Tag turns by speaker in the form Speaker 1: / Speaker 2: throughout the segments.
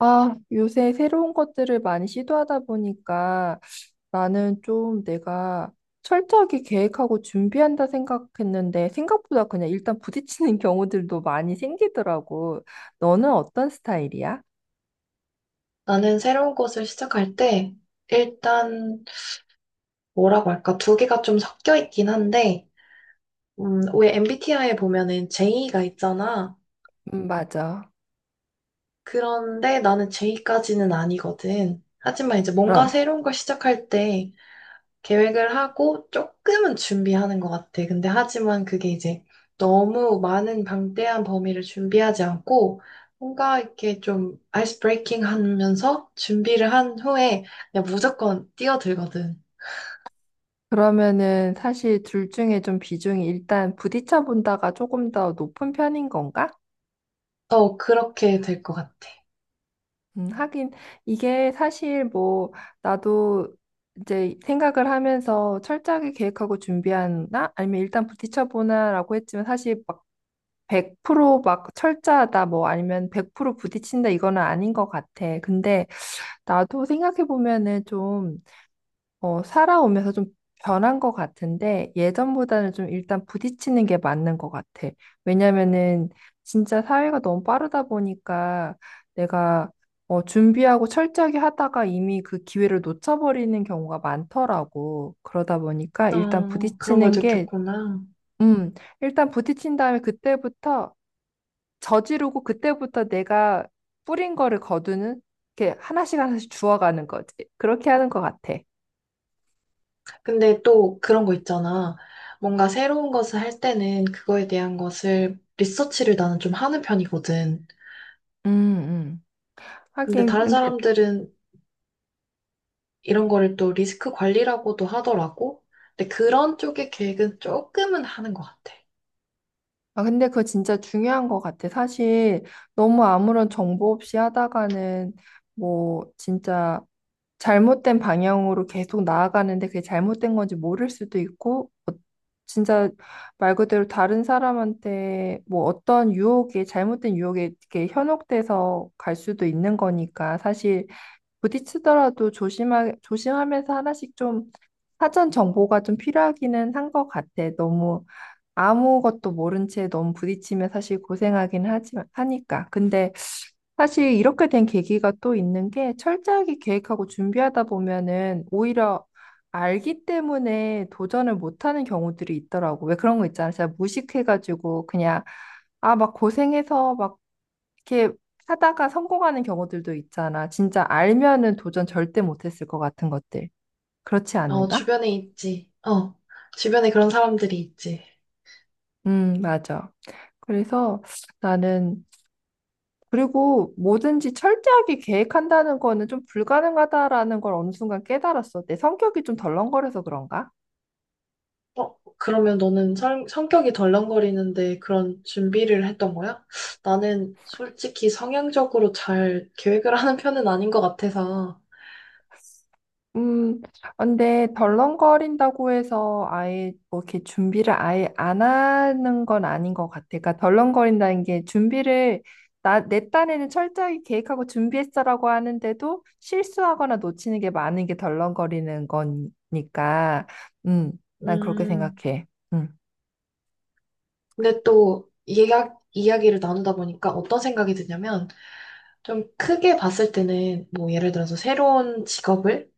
Speaker 1: 아, 요새 새로운 것들을 많이 시도하다 보니까 나는 좀 내가 철저하게 계획하고 준비한다 생각했는데 생각보다 그냥 일단 부딪히는 경우들도 많이 생기더라고. 너는 어떤 스타일이야?
Speaker 2: 나는 새로운 곳을 시작할 때, 일단, 뭐라고 할까, 두 개가 좀 섞여 있긴 한데, 왜 MBTI에 보면은 J가 있잖아.
Speaker 1: 맞아.
Speaker 2: 그런데 나는 J까지는 아니거든. 하지만 이제 뭔가
Speaker 1: 그럼.
Speaker 2: 새로운 걸 시작할 때 계획을 하고 조금은 준비하는 것 같아. 근데 하지만 그게 이제 너무 많은 방대한 범위를 준비하지 않고, 뭔가 이렇게 좀 아이스 브레이킹 하면서 준비를 한 후에 그냥 무조건 뛰어들거든.
Speaker 1: 그러면은 사실 둘 중에 좀 비중이 일단 부딪혀 본다가 조금 더 높은 편인 건가?
Speaker 2: 어, 그렇게 될 것 같아.
Speaker 1: 하긴 이게 사실 뭐 나도 이제 생각을 하면서 철저하게 계획하고 준비하나 아니면 일단 부딪혀보나라고 했지만 사실 막 100%막 철저하다 뭐 아니면 100% 부딪힌다 이거는 아닌 것 같아. 근데 나도 생각해보면은 좀 살아오면서 좀 변한 것 같은데 예전보다는 좀 일단 부딪히는 게 맞는 것 같아. 왜냐면은 진짜 사회가 너무 빠르다 보니까 내가 준비하고 철저하게 하다가 이미 그 기회를 놓쳐버리는 경우가 많더라고. 그러다 보니까 일단
Speaker 2: 어, 그런 걸
Speaker 1: 부딪히는 게,
Speaker 2: 느꼈구나.
Speaker 1: 음, 일단 부딪힌 다음에 그때부터 저지르고 그때부터 내가 뿌린 거를 거두는 이렇게 하나씩 하나씩 주워가는 거지. 그렇게 하는 것 같아.
Speaker 2: 근데 또 그런 거 있잖아. 뭔가 새로운 것을 할 때는 그거에 대한 것을 리서치를 나는 좀 하는 편이거든.
Speaker 1: 음, 음.
Speaker 2: 근데
Speaker 1: 하긴
Speaker 2: 다른
Speaker 1: 근데
Speaker 2: 사람들은 이런 거를 또 리스크 관리라고도 하더라고. 근데 그런 쪽의 계획은 조금은 하는 것 같아.
Speaker 1: 아 근데 그거 진짜 중요한 것 같아. 사실 너무 아무런 정보 없이 하다가는 뭐 진짜 잘못된 방향으로 계속 나아가는데 그게 잘못된 건지 모를 수도 있고 진짜 말 그대로 다른 사람한테 뭐 어떤 유혹에 잘못된 유혹에 이렇게 현혹돼서 갈 수도 있는 거니까 사실 부딪히더라도 조심하면서 하나씩 좀 사전 정보가 좀 필요하기는 한 것 같아. 너무 아무것도 모른 채 너무 부딪히면 사실 고생하긴 하지, 하니까. 근데 사실 이렇게 된 계기가 또 있는 게 철저하게 계획하고 준비하다 보면은 오히려 알기 때문에 도전을 못하는 경우들이 있더라고. 왜 그런 거 있잖아. 진짜 무식해가지고 그냥 아, 막 고생해서 막 이렇게 하다가 성공하는 경우들도 있잖아. 진짜 알면은 도전 절대 못했을 것 같은 것들. 그렇지
Speaker 2: 어,
Speaker 1: 않는가?
Speaker 2: 주변에 있지. 어, 주변에 그런 사람들이 있지.
Speaker 1: 맞아. 그래서 나는 그리고 뭐든지 철저하게 계획한다는 거는 좀 불가능하다라는 걸 어느 순간 깨달았어. 내 성격이 좀 덜렁거려서 그런가?
Speaker 2: 어, 그러면 너는 성격이 덜렁거리는데 그런 준비를 했던 거야? 나는 솔직히 성향적으로 잘 계획을 하는 편은 아닌 것 같아서.
Speaker 1: 음, 근데 덜렁거린다고 해서 아예 뭐 이렇게 준비를 아예 안 하는 건 아닌 것 같아. 그러니까 덜렁거린다는 게 준비를 내 딴에는 철저하게 계획하고 준비했어라고 하는데도 실수하거나 놓치는 게 많은 게 덜렁거리는 거니까. 음, 난 그렇게
Speaker 2: 음,
Speaker 1: 생각해. 음,
Speaker 2: 근데 또 이야기를 나누다 보니까 어떤 생각이 드냐면 좀 크게 봤을 때는 뭐 예를 들어서 새로운 직업을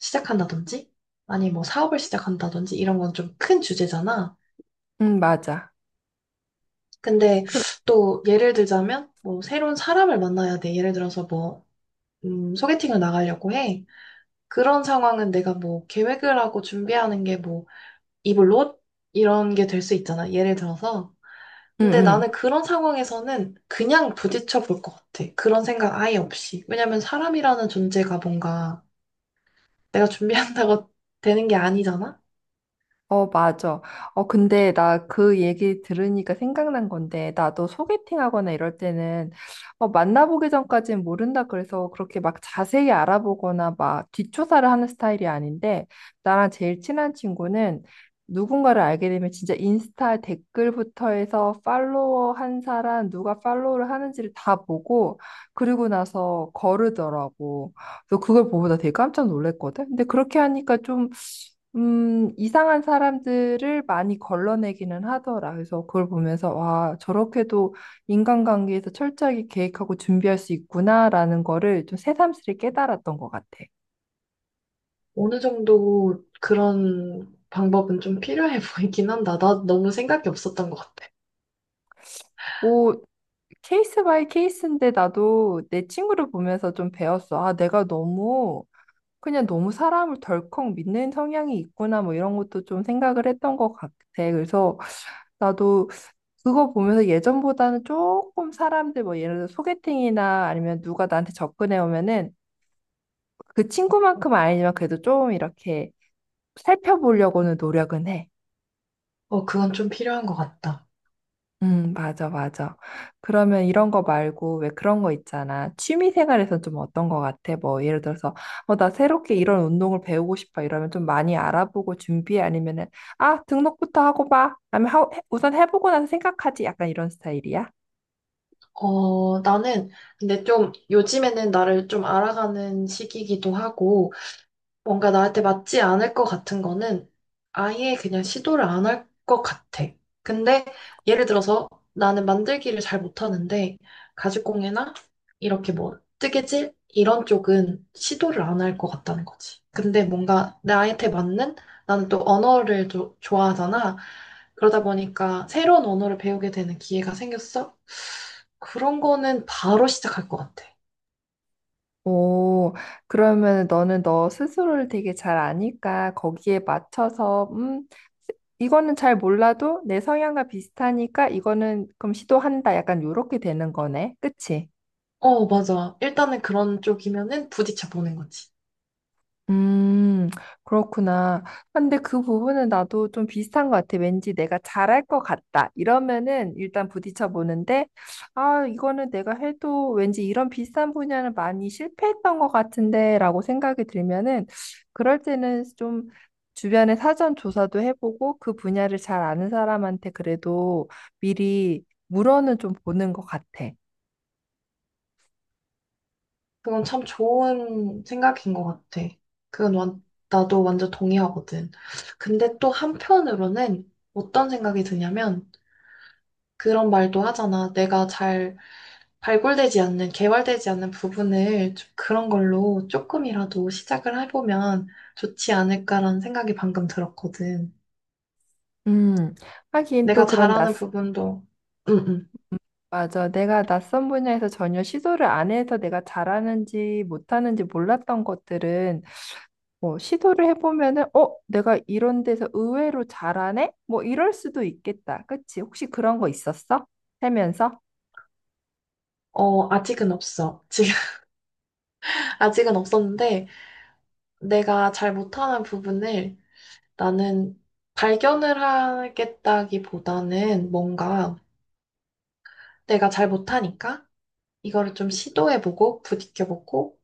Speaker 2: 시작한다든지 아니 뭐 사업을 시작한다든지 이런 건 좀 큰 주제잖아.
Speaker 1: 맞아.
Speaker 2: 근데
Speaker 1: 그,
Speaker 2: 또 예를 들자면 뭐 새로운 사람을 만나야 돼. 예를 들어서 뭐 소개팅을 나가려고 해. 그런 상황은 내가 뭐 계획을 하고 준비하는 게 뭐 입을 옷? 이런 게 될 수 있잖아. 예를 들어서. 근데
Speaker 1: 음.
Speaker 2: 나는 그런 상황에서는 그냥 부딪혀 볼 것 같아. 그런 생각 아예 없이. 왜냐면 사람이라는 존재가 뭔가 내가 준비한다고 되는 게 아니잖아?
Speaker 1: 어, 맞아. 어, 근데 나 그 얘기 들으니까 생각난 건데, 나도 소개팅 하거나 이럴 때는, 어, 만나보기 전까지는 모른다 그래서 그렇게 막 자세히 알아보거나 막 뒷조사를 하는 스타일이 아닌데, 나랑 제일 친한 친구는 누군가를 알게 되면 진짜 인스타 댓글부터 해서 팔로워 한 사람, 누가 팔로우를 하는지를 다 보고, 그리고 나서 거르더라고. 그래서 그걸 보고 나 되게 깜짝 놀랐거든? 근데 그렇게 하니까 좀 이상한 사람들을 많이 걸러내기는 하더라. 그래서 그걸 보면서, 와, 저렇게도 인간관계에서 철저하게 계획하고 준비할 수 있구나라는 거를 좀 새삼스레 깨달았던 것 같아.
Speaker 2: 어느 정도 그런 방법은 좀 필요해 보이긴 한다. 나 너무 생각이 없었던 것 같아.
Speaker 1: 뭐, 케이스 바이 케이스인데 나도 내 친구를 보면서 좀 배웠어. 아, 내가 너무, 그냥 너무 사람을 덜컥 믿는 성향이 있구나, 뭐 이런 것도 좀 생각을 했던 것 같아. 그래서 나도 그거 보면서 예전보다는 조금 사람들 뭐 예를 들어 소개팅이나 아니면 누가 나한테 접근해 오면은 그 친구만큼은 아니지만 그래도 좀 이렇게 살펴보려고는 노력은 해.
Speaker 2: 어, 그건 좀 필요한 것 같다.
Speaker 1: 맞아, 맞아. 그러면 이런 거 말고 왜 그런 거 있잖아. 취미 생활에선 좀 어떤 거 같아? 뭐 예를 들어서 나 새롭게 이런 운동을 배우고 싶어 이러면 좀 많이 알아보고 준비해 아니면은 아, 등록부터 하고 봐. 아니면 하, 우선 해보고 나서 생각하지. 약간 이런 스타일이야?
Speaker 2: 어, 나는 근데 좀 요즘에는 나를 좀 알아가는 시기이기도 하고, 뭔가 나한테 맞지 않을 것 같은 거는 아예 그냥 시도를 안 할 것 같아. 근데 예를 들어서 나는 만들기를 잘 못하는데 가죽공예나 이렇게 뭐 뜨개질 이런 쪽은 시도를 안 할 것 같다는 거지. 근데 뭔가 나한테 맞는 나는 또 언어를 좋아하잖아. 그러다 보니까 새로운 언어를 배우게 되는 기회가 생겼어. 그런 거는 바로 시작할 것 같아.
Speaker 1: 오, 그러면 너는 너 스스로를 되게 잘 아니까 거기에 맞춰서, 이거는 잘 몰라도 내 성향과 비슷하니까 이거는 그럼 시도한다. 약간 요렇게 되는 거네. 그치?
Speaker 2: 어, 맞아. 일단은 그런 쪽이면은 부딪혀 보는 거지.
Speaker 1: 음, 그렇구나. 근데 그 부분은 나도 좀 비슷한 것 같아. 왠지 내가 잘할 것 같다. 이러면은 일단 부딪혀 보는데, 아, 이거는 내가 해도 왠지 이런 비슷한 분야는 많이 실패했던 것 같은데 라고 생각이 들면은, 그럴 때는 좀 주변에 사전 조사도 해보고 그 분야를 잘 아는 사람한테 그래도 미리 물어는 좀 보는 것 같아.
Speaker 2: 그건 참 좋은 생각인 것 같아. 그건 완, 나도 완전 동의하거든. 근데 또 한편으로는 어떤 생각이 드냐면 그런 말도 하잖아. 내가 잘 개발되지 않는 부분을 좀 그런 걸로 조금이라도 시작을 해보면 좋지 않을까라는 생각이 방금 들었거든.
Speaker 1: 음, 하긴 또
Speaker 2: 내가
Speaker 1: 그런
Speaker 2: 잘하는
Speaker 1: 낯선
Speaker 2: 부분도, 응, 응.
Speaker 1: 맞아. 내가 낯선 분야에서 전혀 시도를 안 해서 내가 잘하는지 못하는지 몰랐던 것들은 뭐 시도를 해보면은 어, 내가 이런 데서 의외로 잘하네? 뭐 이럴 수도 있겠다. 그치? 혹시 그런 거 있었어? 살면서?
Speaker 2: 어, 아직은 없어. 지금 아직은 없었는데 내가 잘 못하는 부분을 나는 발견을 하겠다기보다는 뭔가 내가 잘 못하니까 이거를 좀 시도해보고 부딪혀보고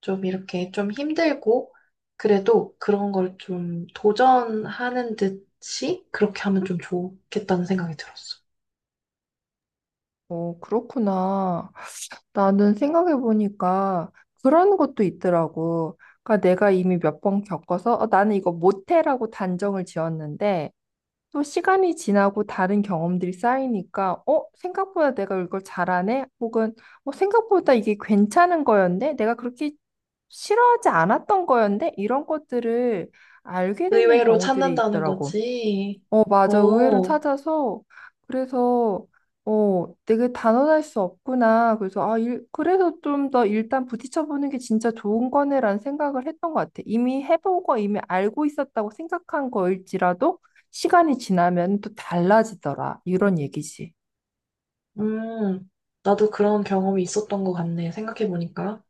Speaker 2: 좀 이렇게 좀 힘들고 그래도 그런 걸 좀 도전하는 듯이 그렇게 하면 좀 좋겠다는 생각이 들었어.
Speaker 1: 어, 그렇구나. 나는 생각해보니까 그런 것도 있더라고. 그러니까 내가 이미 몇 번 겪어서 어, 나는 이거 못해라고 단정을 지었는데 또 시간이 지나고 다른 경험들이 쌓이니까, 어, 생각보다 내가 이걸 잘하네? 혹은, 어, 생각보다 이게 괜찮은 거였네? 내가 그렇게 싫어하지 않았던 거였네? 이런 것들을 알게 되는
Speaker 2: 의외로
Speaker 1: 경우들이
Speaker 2: 찾는다는
Speaker 1: 있더라고.
Speaker 2: 거지.
Speaker 1: 어, 맞아. 의외로
Speaker 2: 어,
Speaker 1: 찾아서, 그래서, 어, 되게 단언할 수 없구나. 그래서, 아, 일, 그래서 좀 더 일단 부딪혀보는 게 진짜 좋은 거네라는 생각을 했던 것 같아. 이미 해보고 이미 알고 있었다고 생각한 거일지라도 시간이 지나면 또 달라지더라. 이런 얘기지.
Speaker 2: 음, 나도 그런 경험이 있었던 것 같네. 생각해보니까.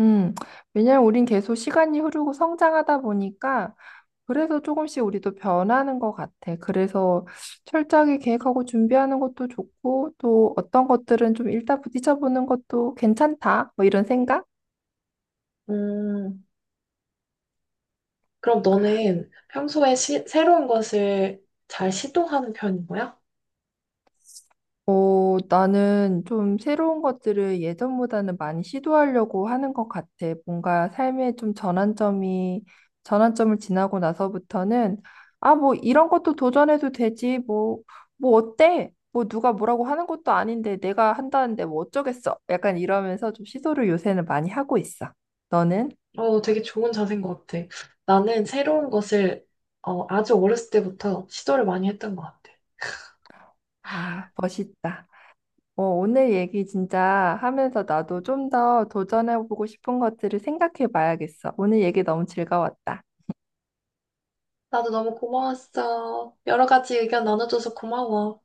Speaker 1: 음, 왜냐면 우린 계속 시간이 흐르고 성장하다 보니까 그래서 조금씩 우리도 변하는 것 같아. 그래서 철저하게 계획하고 준비하는 것도 좋고, 또 어떤 것들은 좀 일단 부딪혀보는 것도 괜찮다. 뭐 이런 생각?
Speaker 2: 음. 그럼 너는 평소에 새로운 것을 잘 시도하는 편인 거야?
Speaker 1: 어, 나는 좀 새로운 것들을 예전보다는 많이 시도하려고 하는 것 같아. 뭔가 삶의 좀 전환점이, 전환점을 지나고 나서부터는, 아, 뭐, 이런 것도 도전해도 되지. 뭐, 뭐, 어때? 뭐, 누가 뭐라고 하는 것도 아닌데, 내가 한다는데 뭐 어쩌겠어. 약간 이러면서 좀 시도를 요새는 많이 하고 있어. 너는?
Speaker 2: 어, 되게 좋은 자세인 것 같아. 나는 새로운 것을 어, 아주 어렸을 때부터 시도를 많이 했던 것 같아.
Speaker 1: 아, 멋있다. 어, 오늘 얘기 진짜 하면서 나도 좀 더 도전해보고 싶은 것들을 생각해 봐야겠어. 오늘 얘기 너무 즐거웠다.
Speaker 2: 나도 너무 고마웠어. 여러 가지 의견 나눠줘서 고마워.